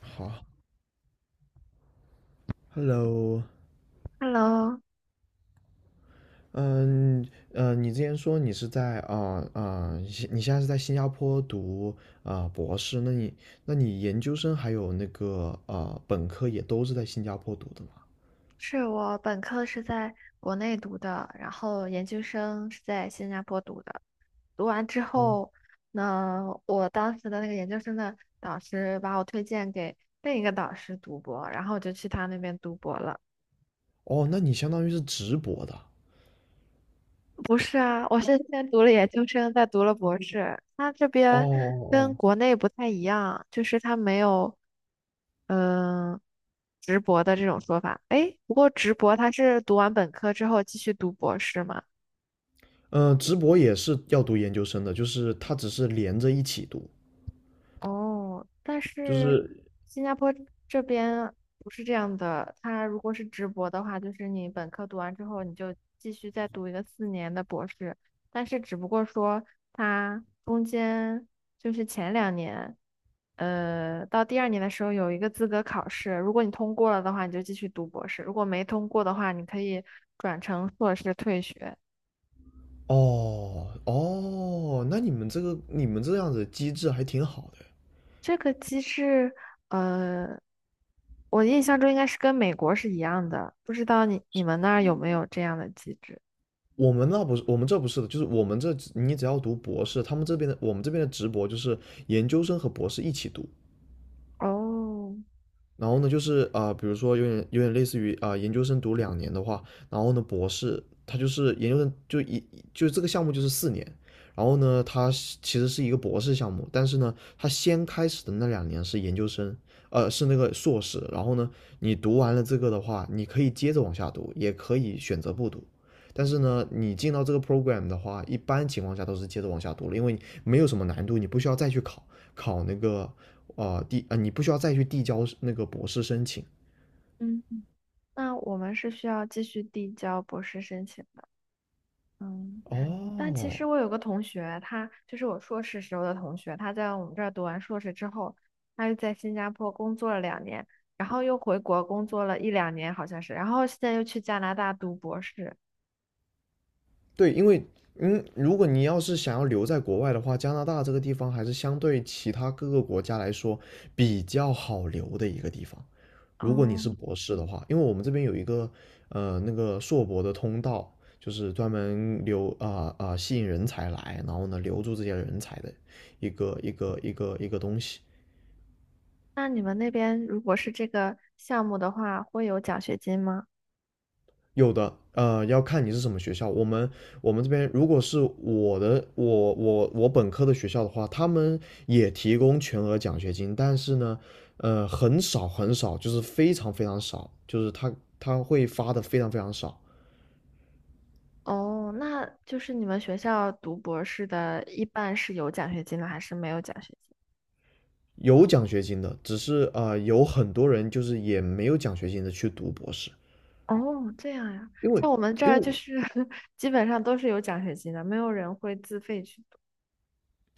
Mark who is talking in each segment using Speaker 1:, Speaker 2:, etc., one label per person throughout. Speaker 1: 好，Hello，
Speaker 2: Hello，
Speaker 1: 嗯。你之前说你是在你现在是在新加坡读博士，那你研究生还有那个本科也都是在新加坡读的吗？
Speaker 2: 是，我本科是在国内读的，然后研究生是在新加坡读的。读完之后呢，我当时的那个研究生的导师把我推荐给另一个导师读博，然后我就去他那边读博了。
Speaker 1: 哦，那你相当于是直博的。
Speaker 2: 不是啊，我是先读了研究生，再读了博士。他这
Speaker 1: 哦
Speaker 2: 边
Speaker 1: 哦，
Speaker 2: 跟
Speaker 1: 哦，
Speaker 2: 国内不太一样，就是他没有嗯、呃直博的这种说法。诶，不过直博他是读完本科之后继续读博士吗？
Speaker 1: 嗯，直博也是要读研究生的，就是它只是连着一起读，
Speaker 2: 哦，但
Speaker 1: 就
Speaker 2: 是
Speaker 1: 是。
Speaker 2: 新加坡这边不是这样的，它如果是直博的话，就是你本科读完之后，你就继续再读一个4年的博士，但是只不过说它中间就是前两年，到第2年的时候有一个资格考试，如果你通过了的话，你就继续读博士；如果没通过的话，你可以转成硕士退学。
Speaker 1: 哦哦，那你们这样子机制还挺好的。
Speaker 2: 这个机制，呃，我印象中应该是跟美国是一样的，不知道你们那儿有没有这样的机制？
Speaker 1: 我们这不是的，就是我们这你只要读博士，他们这边的我们这边的直博就是研究生和博士一起读，
Speaker 2: 哦，
Speaker 1: 然后呢，就是比如说有点类似于研究生读两年的话，然后呢，博士他就是研究生就一就这个项目就是4年。然后呢，他其实是一个博士项目，但是呢，他先开始的那2年是研究生，是那个硕士。然后呢，你读完了这个的话，你可以接着往下读，也可以选择不读。但是呢，你进到这个 program 的话，一般情况下都是接着往下读了，因为没有什么难度，你不需要再去考考那个啊，递啊，你不需要再去递交那个博士申请。
Speaker 2: 嗯，那我们是需要继续递交博士申请的。嗯，但其
Speaker 1: 哦，
Speaker 2: 实我有个同学，他就是我硕士时候的同学，他在我们这儿读完硕士之后，他又在新加坡工作了两年，然后又回国工作了一两年，好像是，然后现在又去加拿大读博士。
Speaker 1: 对，因为如果你要是想要留在国外的话，加拿大这个地方还是相对其他各个国家来说比较好留的一个地方。如果你
Speaker 2: 哦，
Speaker 1: 是博士的话，因为我们这边有一个那个硕博的通道，就是专门留啊啊、呃呃吸引人才来，然后呢留住这些人才的一个东西。
Speaker 2: 那你们那边如果是这个项目的话，会有奖学金吗？
Speaker 1: 有的，要看你是什么学校。我们这边如果是我本科的学校的话，他们也提供全额奖学金，但是呢，很少很少，就是非常非常少，就是他会发的非常非常少。
Speaker 2: 哦，那就是你们学校读博士的，一般是有奖学金的，还是没有奖学金？
Speaker 1: 有奖学金的，只是有很多人就是也没有奖学金的去读博士。
Speaker 2: 哦，这样呀，
Speaker 1: 因为
Speaker 2: 在我们这
Speaker 1: 因
Speaker 2: 儿
Speaker 1: 为
Speaker 2: 就是 基本上都是有奖学金的，没有人会自费去读。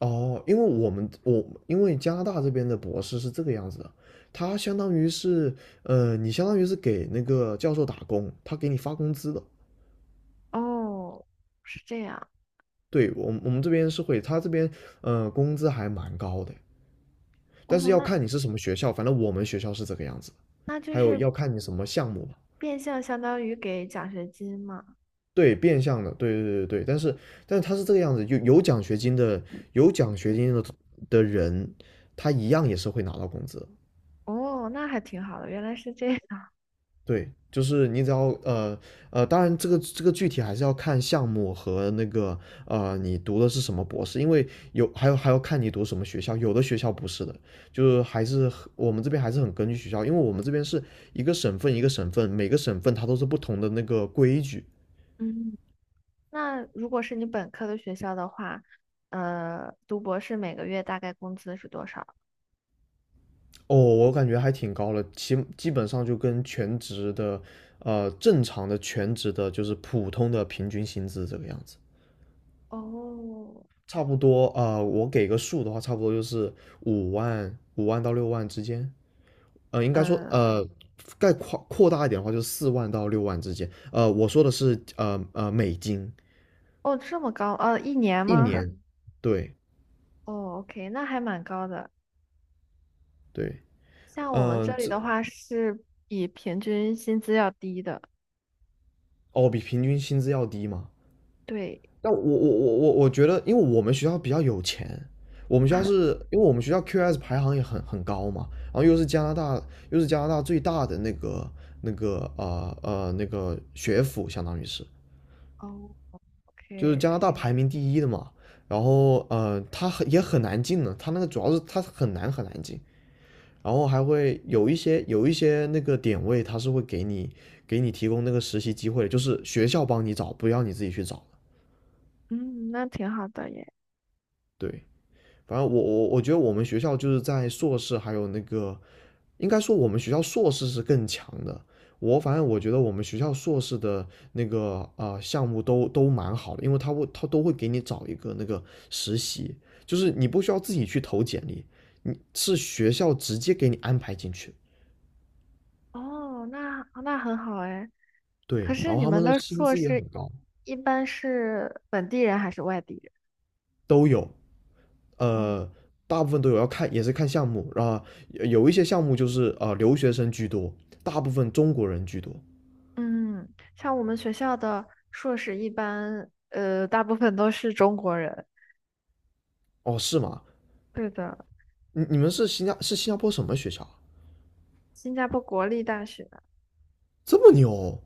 Speaker 1: 哦，因为我们我因为加拿大这边的博士是这个样子的，他相当于是，你相当于是给那个教授打工，他给你发工资的。
Speaker 2: 哦，是这样。
Speaker 1: 对，我们这边是会，他这边呃工资还蛮高的，但
Speaker 2: 哦，
Speaker 1: 是要
Speaker 2: 那
Speaker 1: 看你是什么学校，反正我们学校是这个样子的。
Speaker 2: 那就
Speaker 1: 还有
Speaker 2: 是
Speaker 1: 要看你什么项目吧。
Speaker 2: 变相相当于给奖学金嘛。
Speaker 1: 对，变相的，对对对对，但是他是这个样子，有奖学金的，有奖学金的的人，他一样也是会拿到工资的。
Speaker 2: 哦，那还挺好的，原来是这样。
Speaker 1: 对，就是你当然这个具体还是要看项目和那个你读的是什么博士，因为有还有还要看你读什么学校，有的学校不是的，就是还是很我们这边还是很根据学校，因为我们这边是一个省份一个省份，每个省份它都是不同的那个规矩。
Speaker 2: 嗯。那如果是你本科的学校的话，读博士每个月大概工资是多少？
Speaker 1: 哦，我感觉还挺高了，基本上就跟全职的呃正常的全职的就是普通的平均薪资这个样子。
Speaker 2: 哦，
Speaker 1: 差不多，我给个数的话，差不多就是五万到六万之间，应该说，
Speaker 2: 呃，
Speaker 1: 概括扩大一点的话，就是4万到六万之间，我说的是，美金
Speaker 2: 哦，这么高，一年
Speaker 1: 一
Speaker 2: 吗？
Speaker 1: 年，对
Speaker 2: 哦，OK，那还蛮高的。
Speaker 1: 对。
Speaker 2: 像我们
Speaker 1: 嗯、
Speaker 2: 这里
Speaker 1: 这
Speaker 2: 的话，是比平均薪资要低的。
Speaker 1: 哦比平均薪资要低嘛。
Speaker 2: 对
Speaker 1: 但我觉得，因为我们学校比较有钱，我们学校是因为我们学校 QS 排行也很高嘛，然后又是加拿大最大的那个学府，相当于是。就是
Speaker 2: ，OK，
Speaker 1: 加拿大排名第一的嘛。然后也很难进呢，他那个主要是他很难很难进，然后还会有一些那个点位，他是会给你提供那个实习机会，就是学校帮你找，不要你自己去找的。
Speaker 2: 嗯，那挺好的耶。
Speaker 1: 对，反正我觉得我们学校就是在硕士还有那个，应该说我们学校硕士是更强的。我反正我觉得我们学校硕士的那个项目都蛮好的，因为他都会给你找一个那个实习，就是你不需要自己去投简历，你是学校直接给你安排进去。
Speaker 2: 哦，那很好哎。可
Speaker 1: 对，然
Speaker 2: 是
Speaker 1: 后
Speaker 2: 你
Speaker 1: 他
Speaker 2: 们
Speaker 1: 们的
Speaker 2: 的
Speaker 1: 薪
Speaker 2: 硕
Speaker 1: 资也很
Speaker 2: 士
Speaker 1: 高。
Speaker 2: 一般是本地人还是外地人？
Speaker 1: 都有，
Speaker 2: 哦，
Speaker 1: 呃，大部分都有，要看也是看项目啊，有一些项目就是留学生居多，大部分中国人居多。
Speaker 2: 嗯，像我们学校的硕士一般，大部分都是中国人。
Speaker 1: 哦，是吗？
Speaker 2: 对的，
Speaker 1: 你们是新加坡什么学校啊，
Speaker 2: 新加坡国立大学
Speaker 1: 这么牛？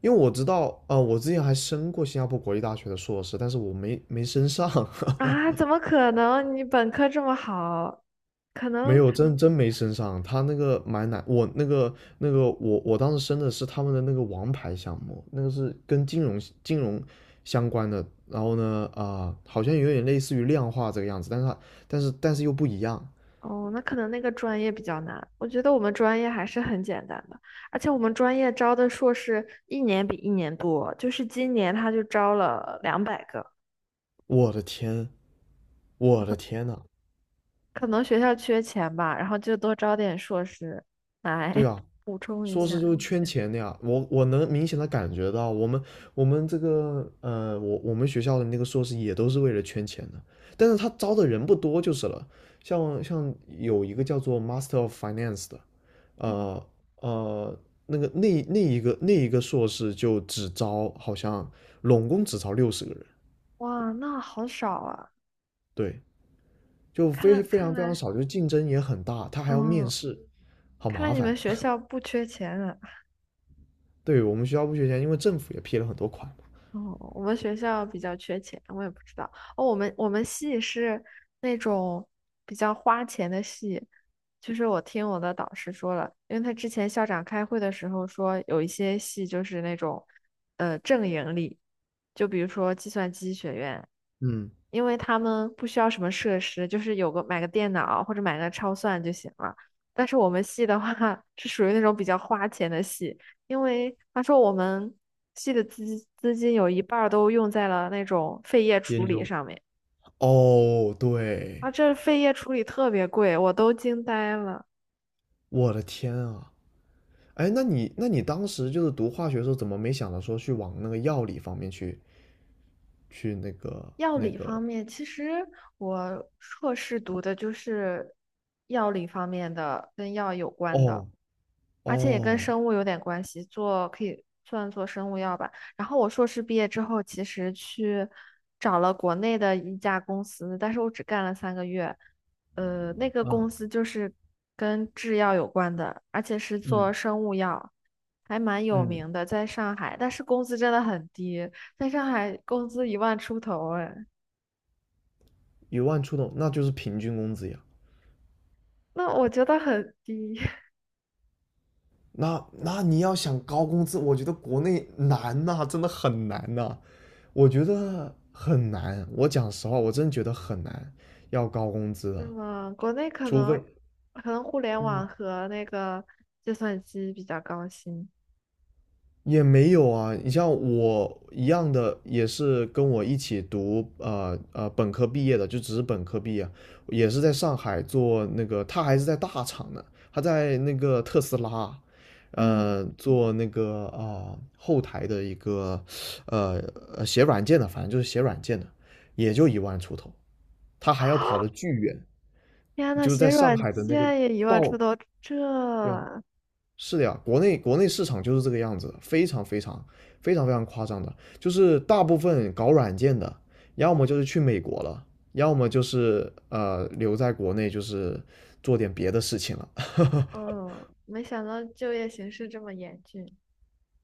Speaker 1: 因为我知道，我之前还申过新加坡国立大学的硕士，但是我没申上，
Speaker 2: 啊，怎么可能？你本科这么好，可
Speaker 1: 没
Speaker 2: 能
Speaker 1: 有真没申上。他那个买难，我当时申的是他们的那个王牌项目，那个是跟金融相关的。然后呢，好像有点类似于量化这个样子，但是但是又不一样。
Speaker 2: 哦，那可能那个专业比较难。我觉得我们专业还是很简单的，而且我们专业招的硕士一年比一年多，就是今年他就招了200个，
Speaker 1: 我的天，我的天呐！
Speaker 2: 可能学校缺钱吧，然后就多招点硕士来
Speaker 1: 对啊，
Speaker 2: 补充一
Speaker 1: 硕士
Speaker 2: 下。
Speaker 1: 就是圈钱的呀，我能明显的感觉到，我们我们学校的那个硕士也都是为了圈钱的，但是他招的人不多就是了。像有一个叫做 Master of Finance 的。呃呃，那一个硕士就只招好像拢共只招60个人，
Speaker 2: 哇，那好少啊！
Speaker 1: 对，就
Speaker 2: 看来
Speaker 1: 非非
Speaker 2: 看
Speaker 1: 常非常
Speaker 2: 来，
Speaker 1: 少，就竞争也很大，他还要面
Speaker 2: 嗯，
Speaker 1: 试，好
Speaker 2: 看
Speaker 1: 麻
Speaker 2: 来你们
Speaker 1: 烦。
Speaker 2: 学 校不缺钱啊。
Speaker 1: 对，我们学校不缺钱，因为政府也批了很多款嘛。
Speaker 2: 哦，我们学校比较缺钱，我也不知道。哦，我们系是那种比较花钱的系，就是我听我的导师说了，因为他之前校长开会的时候说，有一些系就是那种正盈利，就比如说计算机学院，
Speaker 1: 嗯，
Speaker 2: 因为他们不需要什么设施，就是有个买个电脑或者买个超算就行了。但是我们系的话是属于那种比较花钱的系，因为他说我们系的资金有一半儿都用在了那种废液处
Speaker 1: 研
Speaker 2: 理
Speaker 1: 究。
Speaker 2: 上面
Speaker 1: 哦，对，
Speaker 2: 啊，这废液处理特别贵，我都惊呆了。
Speaker 1: 我的天啊！哎，那你当时就是读化学的时候，怎么没想到说去往那个药理方面去那个？
Speaker 2: 药理方面，其实我硕士读的就是药理方面的，跟药有关的。
Speaker 1: 哦
Speaker 2: 而且也跟
Speaker 1: 哦，
Speaker 2: 生物有点关系，做可以算做生物药吧。然后我硕士毕业之后，其实去找了国内的一家公司，但是我只干了3个月。那个公
Speaker 1: 嗯
Speaker 2: 司就是跟制药有关的，而且是
Speaker 1: 嗯
Speaker 2: 做生物药，还蛮有
Speaker 1: 嗯，
Speaker 2: 名的，在上海。但是工资真的很低，在上海工资一万出头，哎，
Speaker 1: 一万出头，那就是平均工资呀。
Speaker 2: 那我觉得很低。
Speaker 1: 那你要想高工资，我觉得国内难呐，真的很难呐，我觉得很难。我讲实话，我真觉得很难要高工资
Speaker 2: 是
Speaker 1: 的，
Speaker 2: 吗？国内可
Speaker 1: 除非。
Speaker 2: 能互联网和那个计算机比较高薪。
Speaker 1: 也没有啊，你像我一样的，也是跟我一起读本科毕业的，就只是本科毕业，也是在上海做那个，他还是在大厂呢，他在那个特斯拉，
Speaker 2: 嗯，
Speaker 1: 做那个后台的一个呃写软件的，反正就是写软件的，也就一万出头，他还要跑得巨远，
Speaker 2: 天呐，
Speaker 1: 就是
Speaker 2: 写
Speaker 1: 在上
Speaker 2: 软
Speaker 1: 海的那个
Speaker 2: 件也一万出
Speaker 1: 报。
Speaker 2: 头，这，
Speaker 1: 对啊，是的呀，国内市场就是这个样子，非常非常非常非常夸张的。就是大部分搞软件的，要么就是去美国了，要么就是留在国内，就是做点别的事情了。
Speaker 2: 嗯，没想到就业形势这么严峻。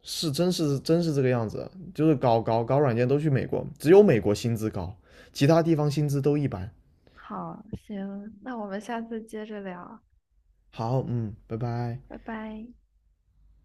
Speaker 1: 是，真是真是这个样子，就是搞软件都去美国，只有美国薪资高，其他地方薪资都一般。
Speaker 2: 好，行，那我们下次接着聊，
Speaker 1: 好，嗯，拜拜。
Speaker 2: 拜拜。